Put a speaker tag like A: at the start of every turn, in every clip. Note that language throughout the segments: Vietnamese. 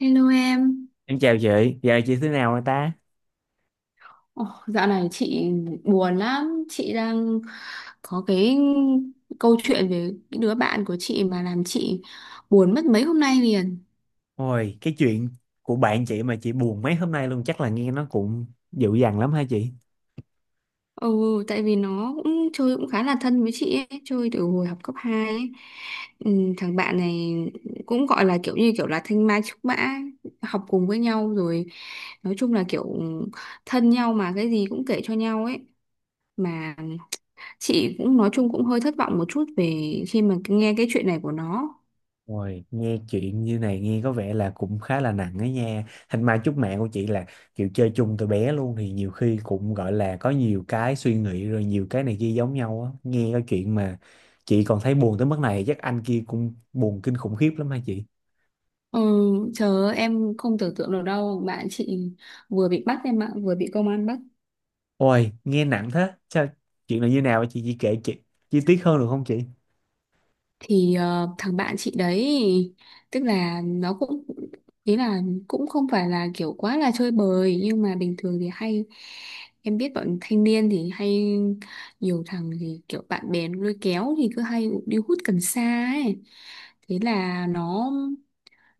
A: Hello em.
B: Em chào chị, giờ chị thế nào rồi ta?
A: Dạo này chị buồn lắm. Chị đang có cái câu chuyện về cái đứa bạn của chị mà làm chị buồn mất mấy hôm nay liền.
B: Ôi, cái chuyện của bạn chị mà chị buồn mấy hôm nay luôn, chắc là nghe nó cũng dịu dàng lắm hả chị?
A: Ừ, Tại vì nó cũng chơi cũng khá là thân với chị ấy, chơi từ hồi học cấp hai ấy. Ừ, Thằng bạn này cũng gọi là kiểu như kiểu là thanh mai trúc mã, học cùng với nhau rồi nói chung là kiểu thân nhau mà cái gì cũng kể cho nhau ấy. Mà chị cũng nói chung cũng hơi thất vọng một chút về khi mà nghe cái chuyện này của nó.
B: Ôi, nghe chuyện như này nghe có vẻ là cũng khá là nặng ấy nha. Thành mai chúc mẹ của chị là kiểu chơi chung từ bé luôn thì nhiều khi cũng gọi là có nhiều cái suy nghĩ rồi nhiều cái này kia giống nhau á. Nghe cái chuyện mà chị còn thấy buồn tới mức này chắc anh kia cũng buồn kinh khủng khiếp lắm hả chị?
A: ừ, Chờ em không tưởng tượng được đâu, bạn chị vừa bị bắt em ạ, vừa bị công an bắt.
B: Ôi, nghe nặng thế. Sao chuyện là như nào hả chị? Chị kể chị chi tiết hơn được không chị?
A: Thằng bạn chị đấy, tức là nó cũng, ý là cũng không phải là kiểu quá là chơi bời, nhưng mà bình thường thì hay, em biết bọn thanh niên thì hay, nhiều thằng thì kiểu bạn bè nó lôi kéo thì cứ hay đi hút cần sa ấy. Thế là nó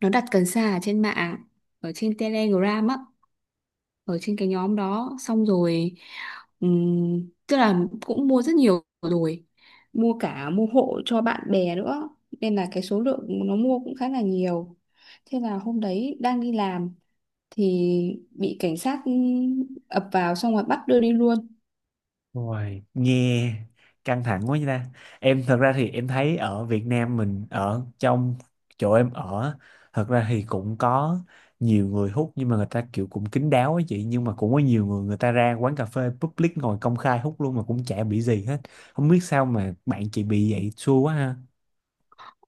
A: nó đặt cần sa ở trên mạng, ở trên Telegram á, ở trên cái nhóm đó, xong rồi tức là cũng mua rất nhiều rồi, mua cả, mua hộ cho bạn bè nữa, nên là cái số lượng nó mua cũng khá là nhiều. Thế là hôm đấy đang đi làm thì bị cảnh sát, ập vào xong rồi bắt đưa đi luôn.
B: Ôi, nghe căng thẳng quá vậy ta. Em thật ra thì em thấy ở Việt Nam mình, ở trong chỗ em ở, thật ra thì cũng có nhiều người hút, nhưng mà người ta kiểu cũng kín đáo ấy chị, nhưng mà cũng có nhiều người người ta ra quán cà phê public ngồi công khai hút luôn mà cũng chả bị gì hết. Không biết sao mà bạn chị bị vậy, xui quá ha.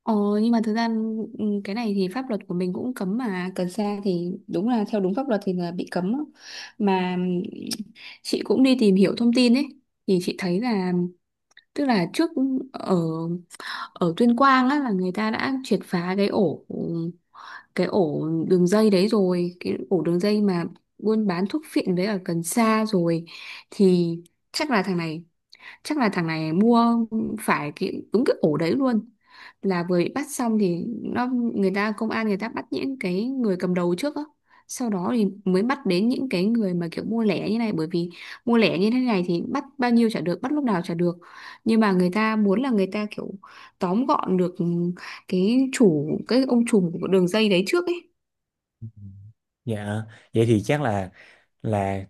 A: Ờ, nhưng mà thực ra cái này thì pháp luật của mình cũng cấm mà, cần sa thì đúng là theo đúng pháp luật thì là bị cấm á. Mà chị cũng đi tìm hiểu thông tin ấy, thì chị thấy là, tức là trước ở ở Tuyên Quang á, là người ta đã triệt phá cái ổ, cái ổ đường dây đấy rồi, cái ổ đường dây mà buôn bán thuốc phiện với ở cần sa rồi. Thì chắc là thằng này chắc là thằng này mua phải cái, đúng cái ổ đấy luôn, là vừa bị bắt xong thì nó, người ta công an người ta bắt những cái người cầm đầu trước á, sau đó thì mới bắt đến những cái người mà kiểu mua lẻ như này, bởi vì mua lẻ như thế này thì bắt bao nhiêu chả được, bắt lúc nào chả được, nhưng mà người ta muốn là người ta kiểu tóm gọn được cái chủ, cái ông trùm của đường dây đấy trước ấy.
B: Dạ, vậy thì chắc là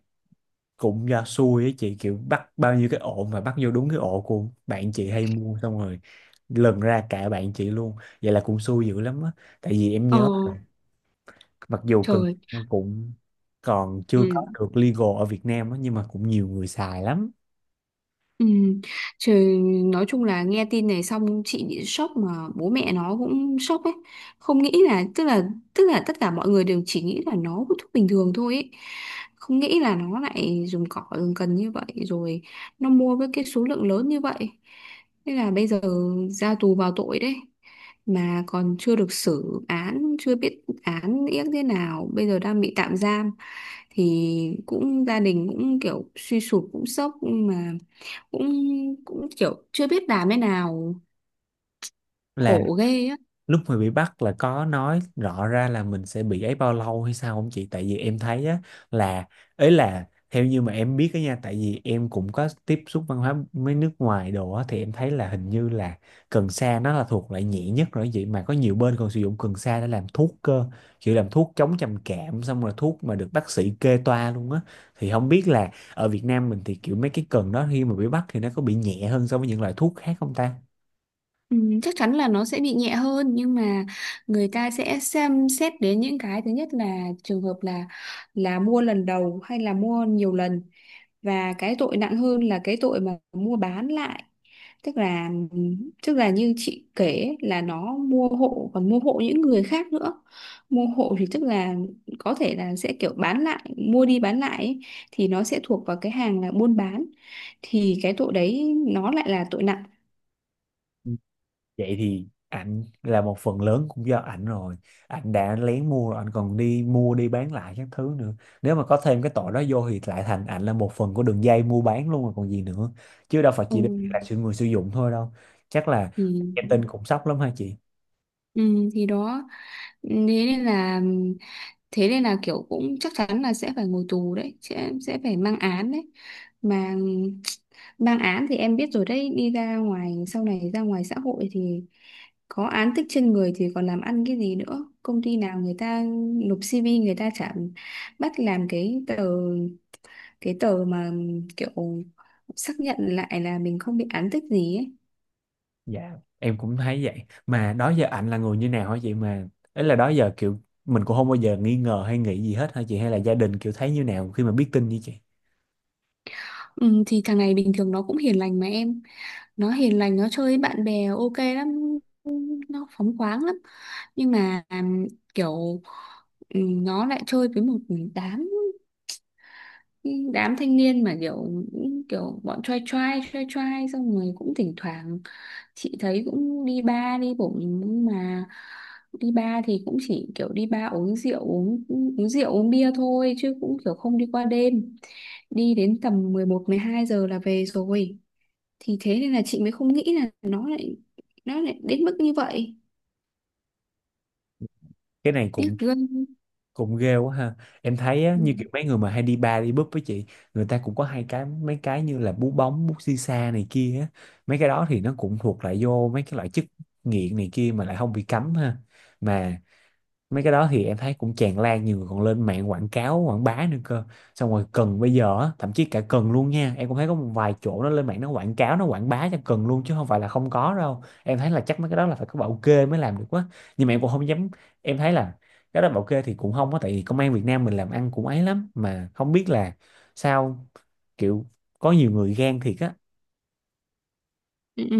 B: cũng do xui ấy chị, kiểu bắt bao nhiêu cái ổ mà bắt vô đúng cái ổ của bạn chị hay mua, xong rồi lần ra cả bạn chị luôn, vậy là cũng xui dữ lắm á. Tại vì em
A: ờ
B: nhớ là mặc dù cần
A: Trời.
B: cũng còn
A: Ừ.
B: chưa có được legal ở Việt Nam á nhưng mà cũng nhiều người xài lắm.
A: Ừ. Trời, nói chung là nghe tin này xong chị bị sốc, mà bố mẹ nó cũng sốc ấy, không nghĩ là, tức là tất cả mọi người đều chỉ nghĩ là nó hút thuốc bình thường thôi ấy. Không nghĩ là nó lại dùng cỏ, dùng cần như vậy, rồi nó mua với cái số lượng lớn như vậy. Thế là bây giờ ra tù vào tội đấy, mà còn chưa được xử án, chưa biết án yếc thế nào, bây giờ đang bị tạm giam. Thì cũng gia đình cũng kiểu suy sụp, cũng sốc, mà cũng cũng kiểu chưa biết làm thế nào.
B: Là
A: Khổ ghê á.
B: lúc mà bị bắt, là có nói rõ ra là mình sẽ bị ấy bao lâu hay sao không chị? Tại vì em thấy á, là ấy, là theo như mà em biết á nha, tại vì em cũng có tiếp xúc văn hóa mấy nước ngoài đồ á, thì em thấy là hình như là cần sa nó là thuộc loại nhẹ nhất rồi, vậy mà có nhiều bên còn sử dụng cần sa để làm thuốc cơ, kiểu làm thuốc chống trầm cảm, xong rồi thuốc mà được bác sĩ kê toa luôn á. Thì không biết là ở Việt Nam mình thì kiểu mấy cái cần đó khi mà bị bắt thì nó có bị nhẹ hơn so với những loại thuốc khác không ta?
A: ừ, Chắc chắn là nó sẽ bị nhẹ hơn, nhưng mà người ta sẽ xem xét đến những cái, thứ nhất là trường hợp là mua lần đầu hay là mua nhiều lần, và cái tội nặng hơn là cái tội mà mua bán lại. Tức là tức là như chị kể ấy, là nó mua hộ, còn mua hộ những người khác nữa. Mua hộ thì tức là có thể là sẽ kiểu bán lại, mua đi bán lại ấy, thì nó sẽ thuộc vào cái hàng là buôn bán, thì cái tội đấy nó lại là tội nặng.
B: Vậy thì ảnh là một phần lớn cũng do ảnh rồi, ảnh đã lén mua rồi ảnh còn đi mua đi bán lại các thứ nữa. Nếu mà có thêm cái tội đó vô thì lại thành ảnh là một phần của đường dây mua bán luôn rồi còn gì nữa, chứ đâu phải
A: ừ,
B: chỉ đơn là sự người sử dụng thôi đâu. Chắc là
A: thì
B: em tin cũng sốc lắm hả chị.
A: ừ, thì đó, thế nên là, thế nên là kiểu cũng chắc chắn là sẽ phải ngồi tù đấy, sẽ phải mang án đấy mà. Mang án thì em biết rồi đấy, đi ra ngoài, sau này ra ngoài xã hội thì có án tích trên người thì còn làm ăn cái gì nữa. Công ty nào người ta nộp CV người ta chả bắt làm cái tờ, cái tờ mà kiểu xác nhận lại là mình không bị án tích gì ấy.
B: Dạ, em cũng thấy vậy. Mà đó giờ ảnh là người như nào hả chị, mà ấy là đó giờ kiểu mình cũng không bao giờ nghi ngờ hay nghĩ gì hết hả chị, hay là gia đình kiểu thấy như nào khi mà biết tin như chị?
A: Ừ, thì thằng này bình thường nó cũng hiền lành mà em, nó hiền lành, nó chơi với bạn bè ok lắm, nó phóng khoáng lắm. Nhưng mà kiểu nó lại chơi với một đám, đám thanh niên mà kiểu, kiểu bọn trai trai trai trai, xong rồi cũng thỉnh thoảng chị thấy cũng đi bar đi bụng, nhưng mà đi bar thì cũng chỉ kiểu đi bar uống rượu, uống uống rượu uống bia thôi chứ cũng kiểu không đi qua đêm, đi đến tầm mười một mười hai giờ là về rồi. Thì thế nên là chị mới không nghĩ là nó lại đến mức như vậy.
B: Cái này
A: Tiếc
B: cũng
A: ghê.
B: cũng ghê quá ha. Em thấy á,
A: Ừ.
B: như Ừ, kiểu mấy người mà hay đi bar đi búp với chị, người ta cũng có hai cái mấy cái như là bú bóng bút xì xa này kia á, mấy cái đó thì nó cũng thuộc lại vô mấy cái loại chất nghiện này kia mà lại không bị cấm ha. Mà mấy cái đó thì em thấy cũng tràn lan, nhiều người còn lên mạng quảng cáo quảng bá nữa cơ. Xong rồi cần bây giờ á, thậm chí cả cần luôn nha, em cũng thấy có một vài chỗ nó lên mạng nó quảng cáo nó quảng bá cho cần luôn, chứ không phải là không có đâu. Em thấy là chắc mấy cái đó là phải có bảo kê mới làm được quá. Nhưng mà em cũng không dám, em thấy là cái đó bảo kê thì cũng không á, tại vì công an Việt Nam mình làm ăn cũng ấy lắm, mà không biết là sao, kiểu có nhiều người gan thiệt á.
A: Ừ, ừ,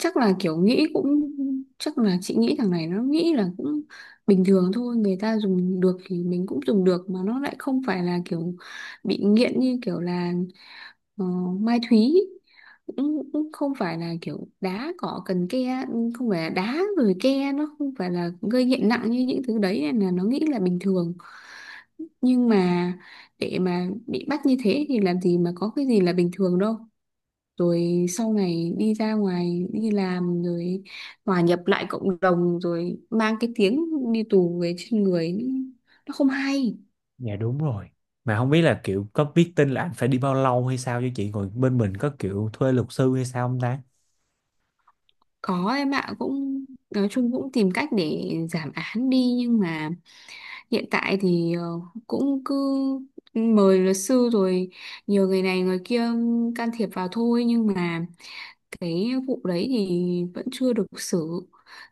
A: chắc là kiểu nghĩ cũng, chắc là chị nghĩ thằng này nó nghĩ là cũng bình thường thôi, người ta dùng được thì mình cũng dùng được, mà nó lại không phải là kiểu bị nghiện như kiểu là ờ, Mai Thúy, cũng, cũng không phải là kiểu đá cỏ cần ke, không phải là đá rồi ke, nó không phải là gây nghiện nặng như những thứ đấy, nên là nó nghĩ là bình thường. Nhưng mà để mà bị bắt như thế thì làm gì mà có cái gì là bình thường đâu. Rồi sau này đi ra ngoài đi làm rồi hòa nhập lại cộng đồng rồi mang cái tiếng đi tù về trên người, nó không hay.
B: Dạ đúng rồi, mà không biết là kiểu có biết tin là anh phải đi bao lâu hay sao cho chị, ngồi bên mình có kiểu thuê luật sư hay sao không ta?
A: Có em ạ, cũng nói chung cũng tìm cách để giảm án đi. Nhưng mà hiện tại thì cũng cứ mời luật sư rồi, nhiều người này người kia can thiệp vào thôi. Nhưng mà cái vụ đấy thì vẫn chưa được xử,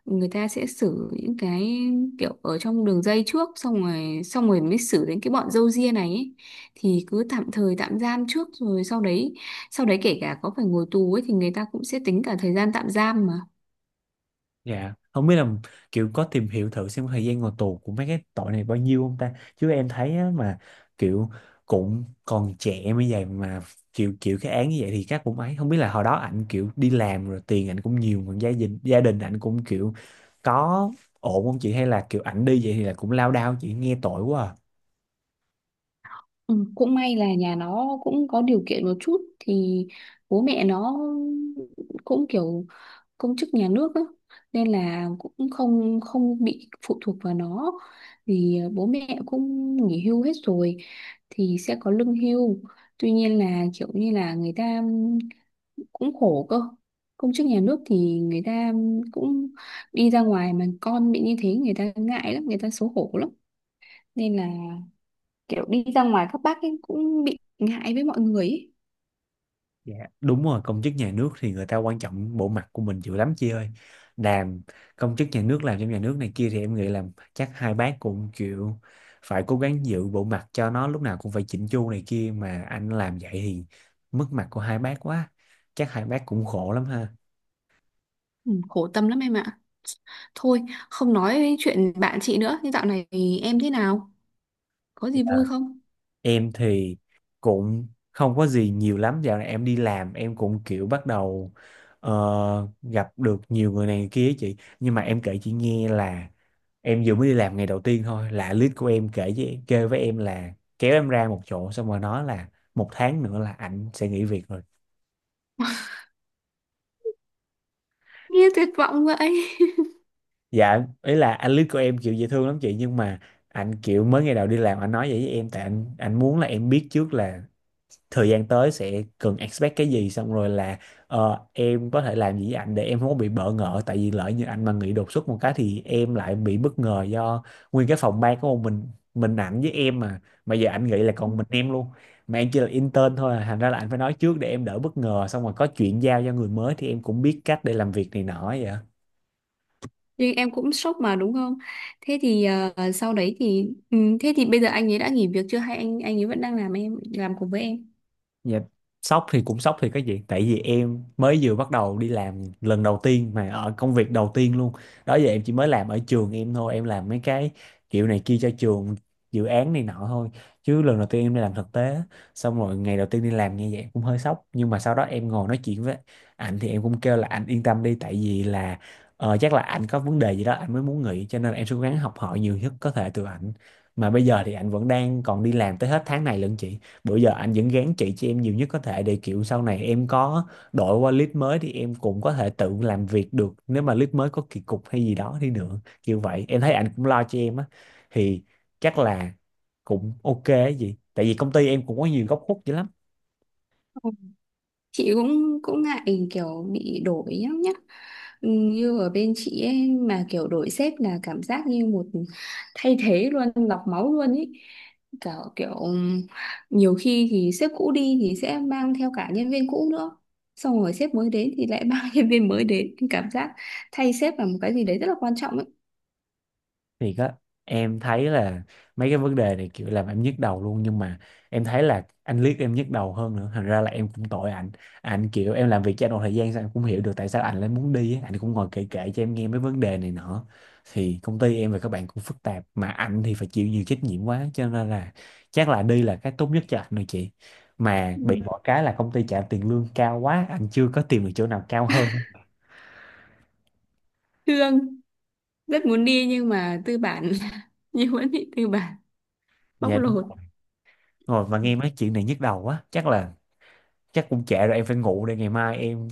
A: người ta sẽ xử những cái kiểu ở trong đường dây trước, xong rồi mới xử đến cái bọn râu ria này ấy. Thì cứ tạm thời tạm giam trước, rồi sau đấy kể cả có phải ngồi tù ấy thì người ta cũng sẽ tính cả thời gian tạm giam mà.
B: Dạ, không biết là kiểu có tìm hiểu thử xem thời gian ngồi tù của mấy cái tội này bao nhiêu không ta? Chứ em thấy á, mà kiểu cũng còn trẻ mới vậy mà kiểu kiểu cái án như vậy thì chắc cũng ấy. Không biết là hồi đó ảnh kiểu đi làm rồi tiền ảnh cũng nhiều, còn gia đình ảnh cũng kiểu có ổn không chị, hay là kiểu ảnh đi vậy thì là cũng lao đao, chị nghe tội quá à.
A: Ừ, Cũng may là nhà nó cũng có điều kiện một chút, thì bố mẹ nó cũng kiểu công chức nhà nước á, nên là cũng không không bị phụ thuộc vào nó. Vì bố mẹ cũng nghỉ hưu hết rồi thì sẽ có lương hưu. Tuy nhiên là kiểu như là người ta cũng khổ cơ, công chức nhà nước thì người ta cũng đi ra ngoài mà con bị như thế, người ta ngại lắm, người ta xấu hổ lắm, nên là kiểu đi ra ngoài các bác ấy cũng bị ngại với mọi người ấy.
B: Dạ, đúng rồi, công chức nhà nước thì người ta quan trọng bộ mặt của mình dữ lắm chị ơi. Làm công chức nhà nước, làm trong nhà nước này kia thì em nghĩ là chắc hai bác cũng chịu, phải cố gắng giữ bộ mặt cho nó lúc nào cũng phải chỉnh chu này kia, mà anh làm vậy thì mất mặt của hai bác quá. Chắc hai bác cũng khổ lắm ha.
A: Ừ, khổ tâm lắm em ạ. Thôi, không nói đến chuyện bạn chị nữa. Nhưng dạo này thì em thế nào? Có gì vui không?
B: Em thì cũng không có gì nhiều lắm, dạo này em đi làm em cũng kiểu bắt đầu gặp được nhiều người này người kia ấy chị. Nhưng mà em kể chị nghe, là em vừa mới đi làm ngày đầu tiên thôi là lead của em kể với kêu với em, là kéo em ra một chỗ xong rồi nói là một tháng nữa là ảnh sẽ nghỉ việc rồi.
A: Nghe tuyệt vọng vậy.
B: Dạ ý là anh lead của em kiểu dễ thương lắm chị, nhưng mà anh kiểu mới ngày đầu đi làm anh nói vậy với em, tại anh muốn là em biết trước là thời gian tới sẽ cần expect cái gì, xong rồi là em có thể làm gì với anh để em không có bị bỡ ngỡ, tại vì lỡ như anh mà nghỉ đột xuất một cái thì em lại bị bất ngờ, do nguyên cái phòng ban của mình ảnh với em mà giờ anh nghĩ là còn mình em luôn, mà em chỉ là intern thôi à. Thành ra là anh phải nói trước để em đỡ bất ngờ, xong rồi có chuyện giao cho người mới thì em cũng biết cách để làm việc này nọ vậy.
A: Nhưng em cũng sốc mà đúng không? Thế thì sau đấy thì... Ừ, thế thì bây giờ anh ấy đã nghỉ việc chưa? Hay anh ấy vẫn đang làm, em làm cùng với em?
B: Dạ, sốc thì cũng sốc thì cái gì, tại vì em mới vừa bắt đầu đi làm lần đầu tiên mà, ở công việc đầu tiên luôn. Đó giờ em chỉ mới làm ở trường em thôi, em làm mấy cái kiểu này kia cho trường, dự án này nọ thôi, chứ lần đầu tiên em đi làm thực tế xong rồi ngày đầu tiên đi làm như vậy cũng hơi sốc. Nhưng mà sau đó em ngồi nói chuyện với anh thì em cũng kêu là anh yên tâm đi, tại vì là chắc là anh có vấn đề gì đó anh mới muốn nghỉ, cho nên là em sẽ cố gắng học hỏi nhiều nhất có thể từ anh. Mà bây giờ thì anh vẫn đang còn đi làm tới hết tháng này lận chị, bữa giờ anh vẫn gán chị cho em nhiều nhất có thể, để kiểu sau này em có đổi qua lead mới thì em cũng có thể tự làm việc được, nếu mà lead mới có kỳ cục hay gì đó đi nữa kiểu vậy, em thấy anh cũng lo cho em á. Thì chắc là cũng ok ấy gì, tại vì công ty em cũng có nhiều góc khuất dữ lắm.
A: Chị cũng cũng ngại kiểu bị đổi nhá nhá. Ừ, như ở bên chị ấy, mà kiểu đổi sếp là cảm giác như một thay thế luôn, lọc máu luôn ấy, cả kiểu nhiều khi thì sếp cũ đi thì sẽ mang theo cả nhân viên cũ nữa, xong rồi sếp mới đến thì lại mang nhân viên mới đến, cảm giác thay sếp là một cái gì đấy rất là quan trọng ấy.
B: Thì á, em thấy là mấy cái vấn đề này kiểu làm em nhức đầu luôn, nhưng mà em thấy là anh liếc em nhức đầu hơn nữa, thành ra là em cũng tội anh. Anh kiểu em làm việc cho anh một thời gian sao em cũng hiểu được tại sao anh lại muốn đi á. Anh cũng ngồi kể kể cho em nghe mấy vấn đề này nọ, thì công ty em và các bạn cũng phức tạp, mà anh thì phải chịu nhiều trách nhiệm quá, cho nên là chắc là đi là cái tốt nhất cho anh rồi chị. Mà bị
A: Ừ.
B: mỗi cái là công ty trả tiền lương cao quá, anh chưa có tìm được chỗ nào cao hơn.
A: Thương, rất muốn đi nhưng mà tư bản như vẫn bị tư bản bóc
B: Dạ đúng
A: lột.
B: rồi. Ngồi mà nghe mấy chuyện này nhức đầu quá, chắc cũng trễ rồi, em phải ngủ đây. Ngày mai em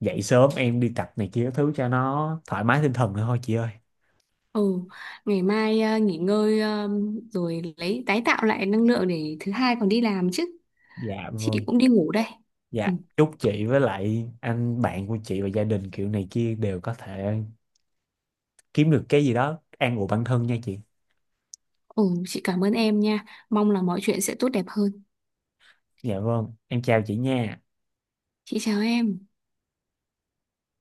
B: dậy sớm em đi tập này kia thứ cho nó thoải mái tinh thần nữa thôi chị ơi.
A: Ừ, ngày mai nghỉ ngơi, rồi lấy tái tạo lại năng lượng để thứ hai còn đi làm chứ.
B: Dạ
A: Chị
B: vâng.
A: cũng đi ngủ đây.
B: Dạ
A: Ừ,
B: chúc chị với lại anh bạn của chị và gia đình kiểu này kia đều có thể kiếm được cái gì đó an ủi bản thân nha chị.
A: ừ, chị cảm ơn em nha. Mong là mọi chuyện sẽ tốt đẹp hơn.
B: Dạ vâng, em chào chị nha.
A: Chị chào em.